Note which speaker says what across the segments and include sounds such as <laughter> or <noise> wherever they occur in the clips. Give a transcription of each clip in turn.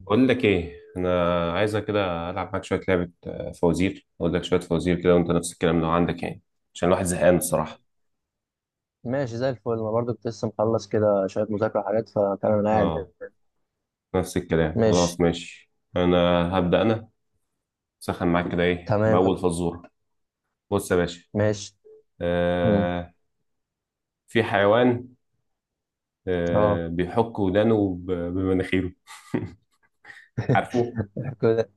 Speaker 1: بقول لك ايه؟ انا عايزك كده العب معاك شويه لعبه، فوازير. اقول لك شويه فوازير كده وانت نفس الكلام لو عندك يعني. عشان الواحد زهقان الصراحه.
Speaker 2: ماشي، زي الفل. انا برضو كنت لسه مخلص كده شويه مذاكره وحاجات، فتمام انا قاعد
Speaker 1: اه.
Speaker 2: يعني.
Speaker 1: نفس الكلام
Speaker 2: ماشي.
Speaker 1: خلاص. ماشي انا هبدا انا. سخن معاك كده، ايه
Speaker 2: تمام، يلا
Speaker 1: باول
Speaker 2: بينا.
Speaker 1: فزوره؟ بص يا باشا.
Speaker 2: ماشي. مم.
Speaker 1: آه في حيوان،
Speaker 2: اه.
Speaker 1: بيحك ودانه بمناخيره. <laughs>
Speaker 2: <laughs>
Speaker 1: عارفه؟
Speaker 2: يحك ودا-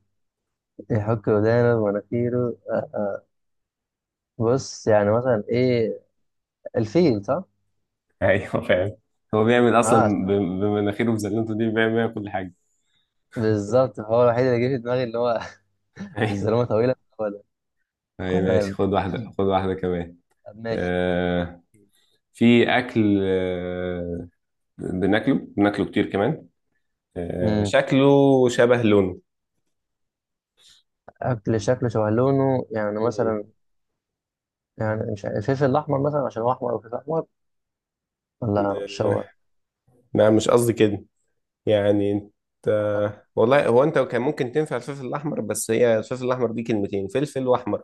Speaker 2: يحك ودانه ومناخيره، آه، آه. بص يعني مثلا ايه؟ الفيل، صح؟
Speaker 1: ايوه فاهم. هو بيعمل
Speaker 2: اه
Speaker 1: اصلا
Speaker 2: سوا.
Speaker 1: بمناخيره وبزلته دي بيعمل بيها كل حاجه.
Speaker 2: بالظبط، هو الوحيد اللي جه في دماغي، اللي هو
Speaker 1: <laughs>
Speaker 2: <laughs> الزلمه
Speaker 1: ايوه،
Speaker 2: طويله. هو ده.
Speaker 1: أيوة، ماشي.
Speaker 2: تمام.
Speaker 1: خد واحده خد واحده كمان.
Speaker 2: طب ماشي.
Speaker 1: آه، في اكل، بناكله بناكله كتير كمان. آه،
Speaker 2: مم.
Speaker 1: شكله شبه لونه.
Speaker 2: أكل شكله شبه لونه يعني،
Speaker 1: مم.
Speaker 2: مثلا يعني، مش عارف الفلفل الأحمر مثلا، عشان هو أحمر، أو فلفل أحمر، ولا مش هو؟
Speaker 1: آه، لا مش قصدي كده. يعني انت،
Speaker 2: آه.
Speaker 1: والله هو انت كان ممكن تنفع الفلفل الاحمر، بس هي الفلفل الاحمر دي كلمتين، فلفل واحمر.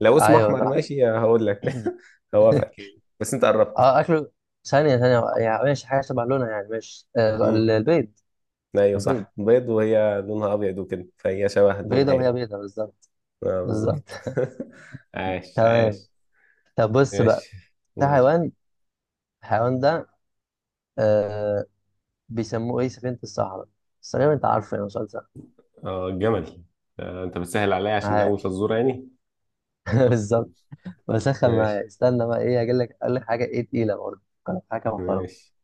Speaker 1: لو اسمه
Speaker 2: ايوه
Speaker 1: احمر
Speaker 2: صح.
Speaker 1: ماشي هقول لك.
Speaker 2: <laughs>
Speaker 1: <laughs> هوافقك يعني، بس انت قربت.
Speaker 2: اه، اكله. ثانيه ثانيه، يعني ماشي حاجه شبه لونها يعني، ماشي.
Speaker 1: امم،
Speaker 2: البيض.
Speaker 1: ايوه
Speaker 2: البيض،
Speaker 1: صح، بيض وهي لونها ابيض وكده فهي شبه
Speaker 2: بيضه
Speaker 1: لونها
Speaker 2: وهي
Speaker 1: يعني.
Speaker 2: بيضه بالظبط.
Speaker 1: اه
Speaker 2: بالظبط.
Speaker 1: بالظبط.
Speaker 2: <laughs>
Speaker 1: <laughs> عاش
Speaker 2: تمام.
Speaker 1: عاش.
Speaker 2: طب بص بقى.
Speaker 1: ماشي،
Speaker 2: في
Speaker 1: قول.
Speaker 2: حيوان، الحيوان ده آه بيسموه ايه؟ سفينه الصحراء. بس تقريبا انت عارفه، يعني مسلسل
Speaker 1: اه جمل. آه انت بتسهل عليا عشان اول
Speaker 2: معاش.
Speaker 1: فزوره يعني.
Speaker 2: <laughs> بالظبط. بسخن
Speaker 1: ماشي
Speaker 2: معايا. استنى بقى، ايه هجيب لك؟ اقول لك حاجه ايه تقيله برضه. أقول لك حاجه محترمه.
Speaker 1: ماشي.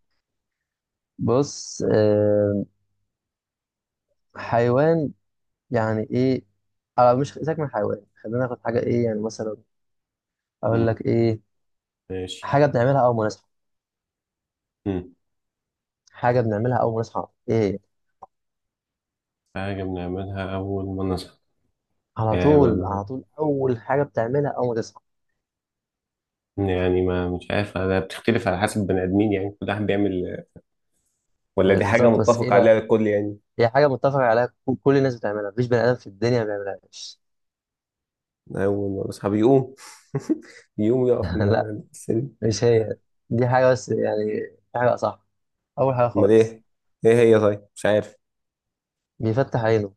Speaker 2: بص، آه، حيوان يعني ايه؟ مش، سيبك من حيوان، خلينا ناخد حاجه ايه، يعني مثلا. اقول
Speaker 1: مم.
Speaker 2: لك ايه.
Speaker 1: ماشي.
Speaker 2: حاجه بنعملها اول ما نصحى،
Speaker 1: مم.
Speaker 2: حاجه بنعملها اول ما نصحى، ايه هي؟
Speaker 1: حاجه بنعملها اول ما نصحى.
Speaker 2: على طول،
Speaker 1: آه
Speaker 2: على طول، اول حاجه بتعملها اول ما تصحى.
Speaker 1: يعني ما مش عارف، ده بتختلف على حسب بني ادمين، يعني كل واحد بيعمل، ولا دي حاجه
Speaker 2: بالظبط. بس ايه
Speaker 1: متفق
Speaker 2: بقى،
Speaker 1: عليها الكل يعني.
Speaker 2: هي حاجه متفق عليها، كل الناس بتعملها، مفيش بني ادم في الدنيا ما بيعملهاش.
Speaker 1: اول ما نصحى بيقوم. <laughs> بيقوم يقف
Speaker 2: <laughs>
Speaker 1: من
Speaker 2: لا،
Speaker 1: على السرير.
Speaker 2: مش هي. دي حاجه بس، يعني حاجه صح، اول حاجه
Speaker 1: امال
Speaker 2: خالص،
Speaker 1: ايه؟ ايه هي؟ طيب مش عارف.
Speaker 2: بيفتح عينه.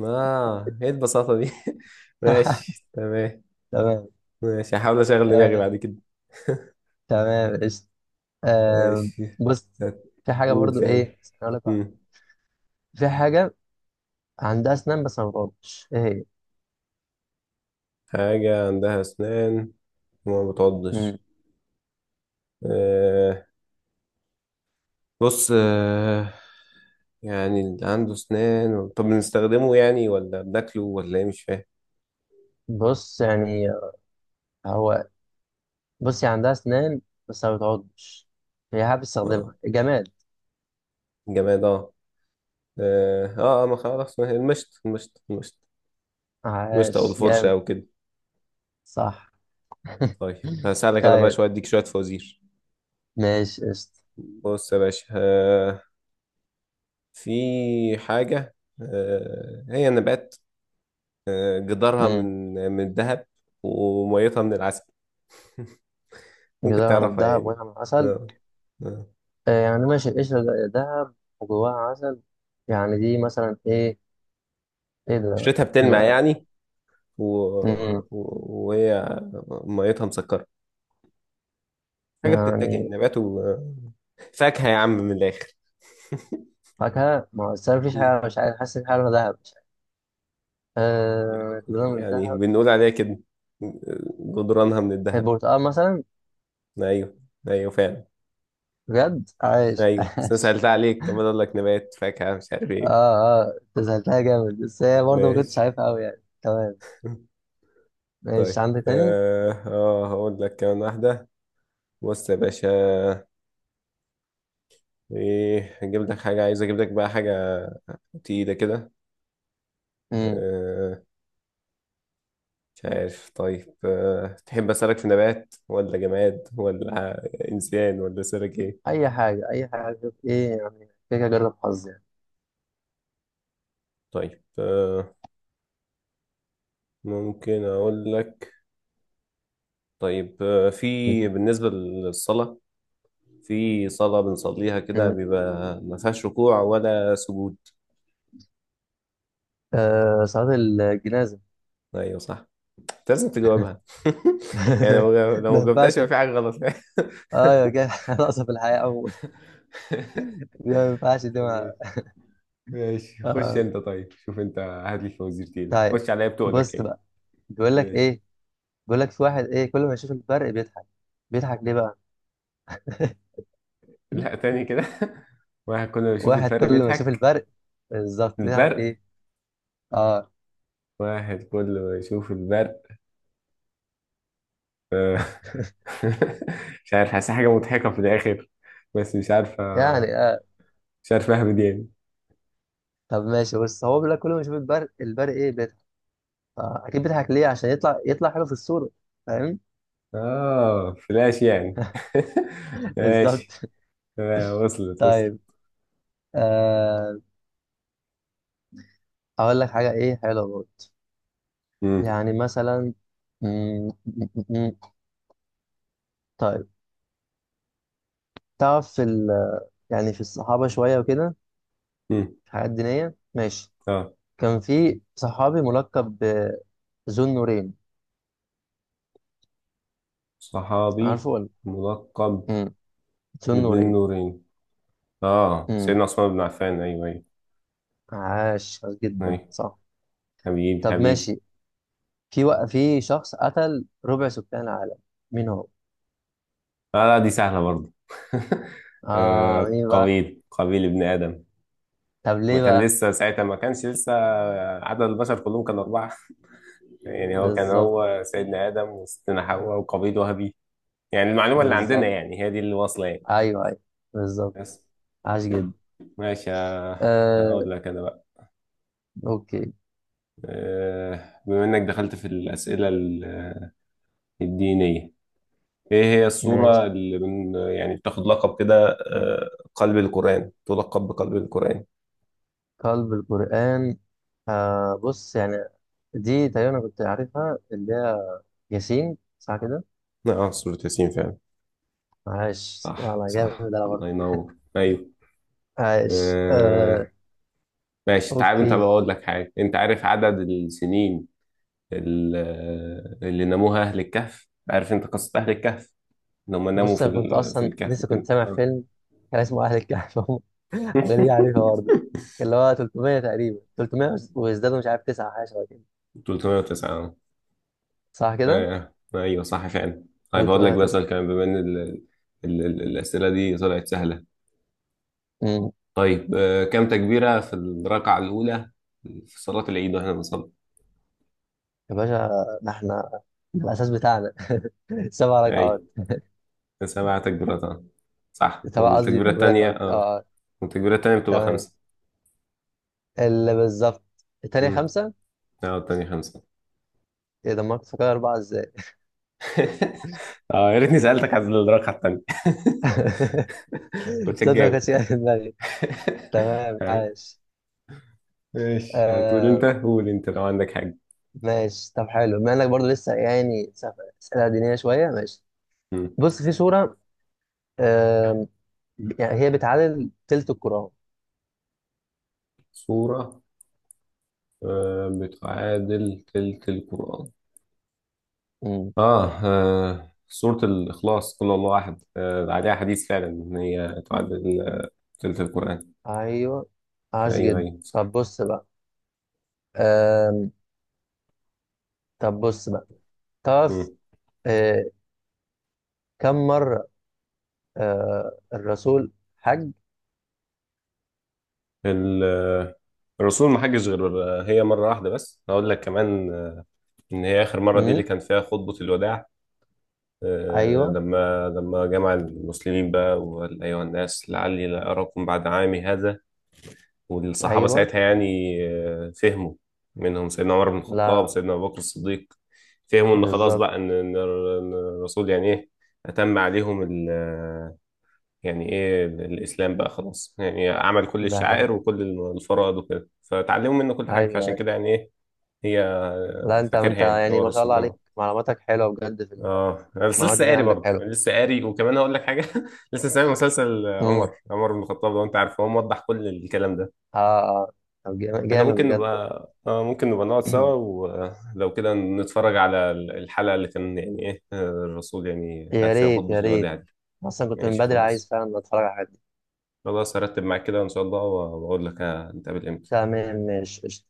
Speaker 1: اه ايه البساطه دي. <laughs> ماشي
Speaker 2: <laughs>
Speaker 1: تمام.
Speaker 2: تمام.
Speaker 1: ماشي هحاول اشغل دماغي بعد
Speaker 2: آه،
Speaker 1: كده.
Speaker 2: تمام قشطة.
Speaker 1: <laughs>
Speaker 2: آه،
Speaker 1: ماشي.
Speaker 2: بص، في حاجه
Speaker 1: قول
Speaker 2: برضو ايه،
Speaker 1: تاني.
Speaker 2: اقول لك بقى.
Speaker 1: مم.
Speaker 2: في حاجه عندها اسنان بس ما بتعضش، ايه هي؟
Speaker 1: حاجة عندها أسنان وما
Speaker 2: مم.
Speaker 1: بتعضش. آه بص، يعني اللي عنده أسنان، طب بنستخدمه يعني ولا بناكله ولا إيه؟ مش فاهم.
Speaker 2: بص يعني، هو، بصي، عندها اسنان بس ما بتعضش، هي حابة
Speaker 1: آه
Speaker 2: تستخدمها جمال.
Speaker 1: جماد. ما خلاص، ما هي المشط المشط المشط. المشط أو
Speaker 2: عاش
Speaker 1: الفرشة
Speaker 2: جامد.
Speaker 1: أو كده.
Speaker 2: صح. <laughs>
Speaker 1: طيب هساعدك أنا بقى
Speaker 2: طيب
Speaker 1: شوية، أديك شوية فوازير.
Speaker 2: ماشي قشطة.
Speaker 1: بص يا باشا، في حاجة، آه هي نبات، آه جدارها
Speaker 2: مم.
Speaker 1: من الذهب وميتها من العسل. ممكن
Speaker 2: جدارها من
Speaker 1: تعرفها
Speaker 2: دهب
Speaker 1: يعني.
Speaker 2: وينها من عسل.
Speaker 1: آه. آه.
Speaker 2: يعني ماشي، القشرة دهب وجواها عسل، يعني دي مثلا ايه؟ ايه ده؟
Speaker 1: اشتريتها بتلمع
Speaker 2: لا.
Speaker 1: يعني، و...
Speaker 2: مم.
Speaker 1: وهي ميتها مسكرة. حاجة بتتاكل،
Speaker 2: يعني
Speaker 1: نبات و فاكهة يا عم من الآخر. <laughs>
Speaker 2: فاكهة. ما هو أصل أنا مفيش حاجة، مش عارف، حاسس إن في حاجة لونها دهب، مش عارف. جدارها من
Speaker 1: يعني
Speaker 2: دهب.
Speaker 1: بنقول عليها كده، آه، جدرانها من الذهب.
Speaker 2: البرتقال مثلا.
Speaker 1: أيوه، أيوه فعلا.
Speaker 2: بجد عايش.
Speaker 1: أيوه بس أنا
Speaker 2: <laughs>
Speaker 1: سألت عليك كمان، أقول لك نبات فاكهة مش عارف
Speaker 2: اه،
Speaker 1: إيه.
Speaker 2: اه، انت سألتها جامد، بس هي برضه ما كنتش
Speaker 1: ماشي.
Speaker 2: عارفها قوي يعني. تمام.
Speaker 1: <laughs>
Speaker 2: ماشي،
Speaker 1: طيب،
Speaker 2: عندك تاني؟
Speaker 1: هقول لك كمان واحدة. بص يا باشا، إيه هجيب لك حاجة، عايز أجيب لك بقى حاجة تقيلة كده.
Speaker 2: امم
Speaker 1: آه، مش عارف. طيب تحب أسألك، في نبات ولا جماد ولا إنسان ولا سلك إيه؟
Speaker 2: اي حاجه، اي حاجه، شوف ايه يعني، كده كده اجرب حظ يعني.
Speaker 1: طيب ممكن أقول لك. طيب في بالنسبة للصلاة، في صلاة بنصليها كده
Speaker 2: امم
Speaker 1: بيبقى ما فيهاش ركوع ولا سجود.
Speaker 2: آه، صلاه الجنازه.
Speaker 1: أيوه صح. أنت لازم تجاوبها. <laughs> يعني
Speaker 2: <laughs> ده
Speaker 1: لو
Speaker 2: ما
Speaker 1: ما
Speaker 2: ينفعش.
Speaker 1: جاوبتهاش يبقى في حاجة غلط. <laughs>
Speaker 2: اه يا جدع. <laughs> ناقصه في الحياه اول، دي ما ينفعش، دي ما.
Speaker 1: ماشي. ماشي، خش
Speaker 2: آه.
Speaker 1: أنت. طيب شوف أنت، هات لي الفوازير تاني،
Speaker 2: طيب
Speaker 1: خش عليا بتقولك
Speaker 2: بص
Speaker 1: يعني.
Speaker 2: بقى، بيقول لك
Speaker 1: ماشي.
Speaker 2: ايه، بيقول لك في واحد، ايه، كل ما يشوف الفرق بيضحك، بيضحك ليه بقى؟ <laughs>
Speaker 1: لا تاني كده. <laughs> واحد كل ما يشوف
Speaker 2: واحد
Speaker 1: الفرق
Speaker 2: كل ما يشوف
Speaker 1: بيضحك
Speaker 2: الفرق، بالظبط، بيضحك
Speaker 1: البرق.
Speaker 2: ليه؟ اه
Speaker 1: واحد كل ما يشوف البرق. آه، <laughs> مش عارف، حاسس حاجة مضحكة في الآخر بس مش عارفة،
Speaker 2: يعني.
Speaker 1: مش عارف أهبد يعني.
Speaker 2: طب ماشي، بس هو بيقول لك كل ما يشوف البرق، البرق، ايه، بيضحك، فاكيد بيضحك ليه عشان يطلع حلو في الصوره، فاهم.
Speaker 1: آه فلاش يعني. <laughs>
Speaker 2: <laughs>
Speaker 1: ماشي.
Speaker 2: بالظبط.
Speaker 1: آه، وصلت وصلت.
Speaker 2: طيب. آه... اقول لك حاجه ايه حلوه برضه،
Speaker 1: مم.
Speaker 2: يعني مثلا. مم، مم، مم. طيب تعرف في يعني في الصحابه شويه وكده،
Speaker 1: مم.
Speaker 2: في حاجات دينيه ماشي.
Speaker 1: آه،
Speaker 2: كان في صحابي ملقب ذو النورين،
Speaker 1: صحابي
Speaker 2: عارفه ولا؟
Speaker 1: ملقب
Speaker 2: مم. ذو
Speaker 1: بذي
Speaker 2: النورين.
Speaker 1: النورين. آه
Speaker 2: مم.
Speaker 1: سيدنا عثمان بن عفان، أيوه أيوه.
Speaker 2: عاش عاش جدا.
Speaker 1: أيوه
Speaker 2: صح.
Speaker 1: حبيبي
Speaker 2: طب
Speaker 1: حبيبي.
Speaker 2: ماشي. في في شخص قتل ربع سكان العالم، مين هو؟
Speaker 1: لا لا دي سهلة برضه. <laughs>
Speaker 2: اه
Speaker 1: آه،
Speaker 2: مين بقى؟
Speaker 1: قابيل قابيل ابن آدم.
Speaker 2: طب
Speaker 1: ما
Speaker 2: ليه
Speaker 1: كان
Speaker 2: بقى؟
Speaker 1: لسه ساعتها، ما كانش لسه، عدد البشر كلهم كان أربعة. <laughs> يعني هو كان،
Speaker 2: بالظبط.
Speaker 1: هو سيدنا آدم وستنا حواء وقابيل وهابيل. يعني المعلومة اللي عندنا
Speaker 2: بالظبط.
Speaker 1: يعني هي دي اللي واصلة يعني.
Speaker 2: ايوه ايوه. بالظبط.
Speaker 1: بس.
Speaker 2: عاش جدا.
Speaker 1: ماشي
Speaker 2: آه
Speaker 1: أقول لك أنا بقى
Speaker 2: اوكي.
Speaker 1: بما إنك دخلت في الأسئلة الدينية، إيه هي
Speaker 2: ماشي،
Speaker 1: السورة اللي من يعني بتاخد لقب كده، قلب القرآن، تلقب بقلب القرآن؟
Speaker 2: قلب القرآن. بص يعني، دي تقريبا انا كنت عارفها، اللي هي ياسين، صح كده؟
Speaker 1: اه سورة ياسين فعلا.
Speaker 2: عاش
Speaker 1: صح
Speaker 2: والله جامد،
Speaker 1: صح،
Speaker 2: انا
Speaker 1: الله
Speaker 2: برضه.
Speaker 1: ينور. ايوه
Speaker 2: عاش.
Speaker 1: آه. ماشي تعال، انت
Speaker 2: اوكي.
Speaker 1: بقول لك حاجه، انت عارف عدد السنين اللي ناموها اهل الكهف؟ عارف انت قصه اهل الكهف، ان هم ناموا
Speaker 2: بص، انا كنت
Speaker 1: في
Speaker 2: اصلا
Speaker 1: الكهف
Speaker 2: لسه كنت
Speaker 1: وكده.
Speaker 2: سامع
Speaker 1: آه.
Speaker 2: فيلم، كان اسمه اهل الكهف. <laughs> انا ليه عارفها
Speaker 1: <laughs>
Speaker 2: برضه، اللي هو 300، تقريبا 300 وازدادوا، مش عارف، 9، حاجه شبه كده.
Speaker 1: 309. آه.
Speaker 2: صح كده،
Speaker 1: آه، ايوه صح فعلا. طيب هقول لك بقى سؤال
Speaker 2: 309.
Speaker 1: كمان، بما ان الاسئله دي طلعت سهله.
Speaker 2: امم
Speaker 1: طيب، كم تكبيره في الركعه الاولى في صلاه العيد واحنا بنصلي؟
Speaker 2: يا باشا، ده احنا، ده الاساس بتاعنا. <laughs> سبع ركعات.
Speaker 1: ايوه، سبعة تكبيرات اه صح.
Speaker 2: سبع قصدي تكبيرات، قصدي اه، آه.
Speaker 1: والتكبيرة التانية بتبقى
Speaker 2: تمام،
Speaker 1: خمسة.
Speaker 2: اللي بالظبط التانية
Speaker 1: امم
Speaker 2: خمسة.
Speaker 1: اه، التانية خمسة.
Speaker 2: ايه ده، ما كنت فاكر أربعة ازاي؟
Speaker 1: <laughs> اه يا ريتني سألتك عن الرقعة التانية،
Speaker 2: <laughs>
Speaker 1: كنت
Speaker 2: تصدق، ما
Speaker 1: هتجاوب.
Speaker 2: كانتش جاية في دماغي.
Speaker 1: <laughs>
Speaker 2: تمام،
Speaker 1: هاي.
Speaker 2: عاش.
Speaker 1: ماشي، هتقول انت،
Speaker 2: آه
Speaker 1: قول انت لو عندك حاجة.
Speaker 2: ماشي. طب حلو، بما انك برضه لسه يعني اسئله دينيه شويه، ماشي.
Speaker 1: مم.
Speaker 2: بص، في سوره، يعني هي بتعادل تلت الكرة.
Speaker 1: سورة بتعادل تلت القرآن.
Speaker 2: مم.
Speaker 1: سورة الإخلاص قل هو الله أحد، عليها حديث فعلا إن هي تعادل تلت القرآن.
Speaker 2: ايوه، عاش
Speaker 1: أيوه
Speaker 2: جدا.
Speaker 1: أيوه صح.
Speaker 2: طب بص بقى. آم. طب بص بقى، تعرف،
Speaker 1: مم.
Speaker 2: آه. كم مرة، الرسول حج؟
Speaker 1: ال- آه، الرسول ما حجش غير هي مرة واحدة، بس هقول لك كمان إن هي آخر مرة دي
Speaker 2: مم.
Speaker 1: اللي كان فيها خطبة الوداع. آه،
Speaker 2: ايوه
Speaker 1: لما جمع المسلمين بقى وقال أيها الناس لعلي لا أراكم بعد عامي هذا، والصحابة
Speaker 2: ايوه.
Speaker 1: ساعتها يعني فهموا، منهم سيدنا عمر بن
Speaker 2: لا
Speaker 1: الخطاب
Speaker 2: لا.
Speaker 1: سيدنا أبو بكر الصديق. فهموا إن خلاص
Speaker 2: بالظبط.
Speaker 1: بقى، إن الرسول يعني إيه أتم عليهم ال آه، يعني إيه الإسلام بقى خلاص، يعني عمل كل
Speaker 2: ده حقيقي.
Speaker 1: الشعائر وكل الفرائض وكده، فتعلموا منه كل
Speaker 2: ايوه،
Speaker 1: حاجة. فعشان
Speaker 2: أيوة.
Speaker 1: كده يعني إيه هي
Speaker 2: لا، انت
Speaker 1: فاكرها،
Speaker 2: انت
Speaker 1: يعني
Speaker 2: يعني
Speaker 1: هو
Speaker 2: ما شاء الله
Speaker 1: الرسول
Speaker 2: عليك،
Speaker 1: اه.
Speaker 2: معلوماتك حلوه بجد في
Speaker 1: اه أنا بس لسه
Speaker 2: المعلومات دي
Speaker 1: قاري
Speaker 2: عندك
Speaker 1: برضه،
Speaker 2: حلوه.
Speaker 1: يعني لسه قاري. وكمان هقول لك حاجه، <laughs> لسه سامع مسلسل
Speaker 2: امم
Speaker 1: عمر بن الخطاب، لو انت عارفه، هو موضح كل الكلام ده.
Speaker 2: اه، آه. طب جامد
Speaker 1: احنا
Speaker 2: جامد
Speaker 1: ممكن نبقى
Speaker 2: بجد والله.
Speaker 1: اه ممكن نبقى نقعد سوا
Speaker 2: <clears throat>
Speaker 1: ولو كده نتفرج على الحلقه اللي كان يعني ايه، آه، الرسول يعني قال
Speaker 2: يا
Speaker 1: فيها
Speaker 2: ريت،
Speaker 1: خطبه
Speaker 2: يا ريت،
Speaker 1: الوداع دي.
Speaker 2: اصلا كنت من
Speaker 1: ماشي
Speaker 2: بدري عايز
Speaker 1: خلاص.
Speaker 2: فعلا اتفرج على الحاجات دي.
Speaker 1: خلاص هرتب معاك كده ان شاء الله واقول لك هنتقابل امتى
Speaker 2: تمام ماشي قشطة.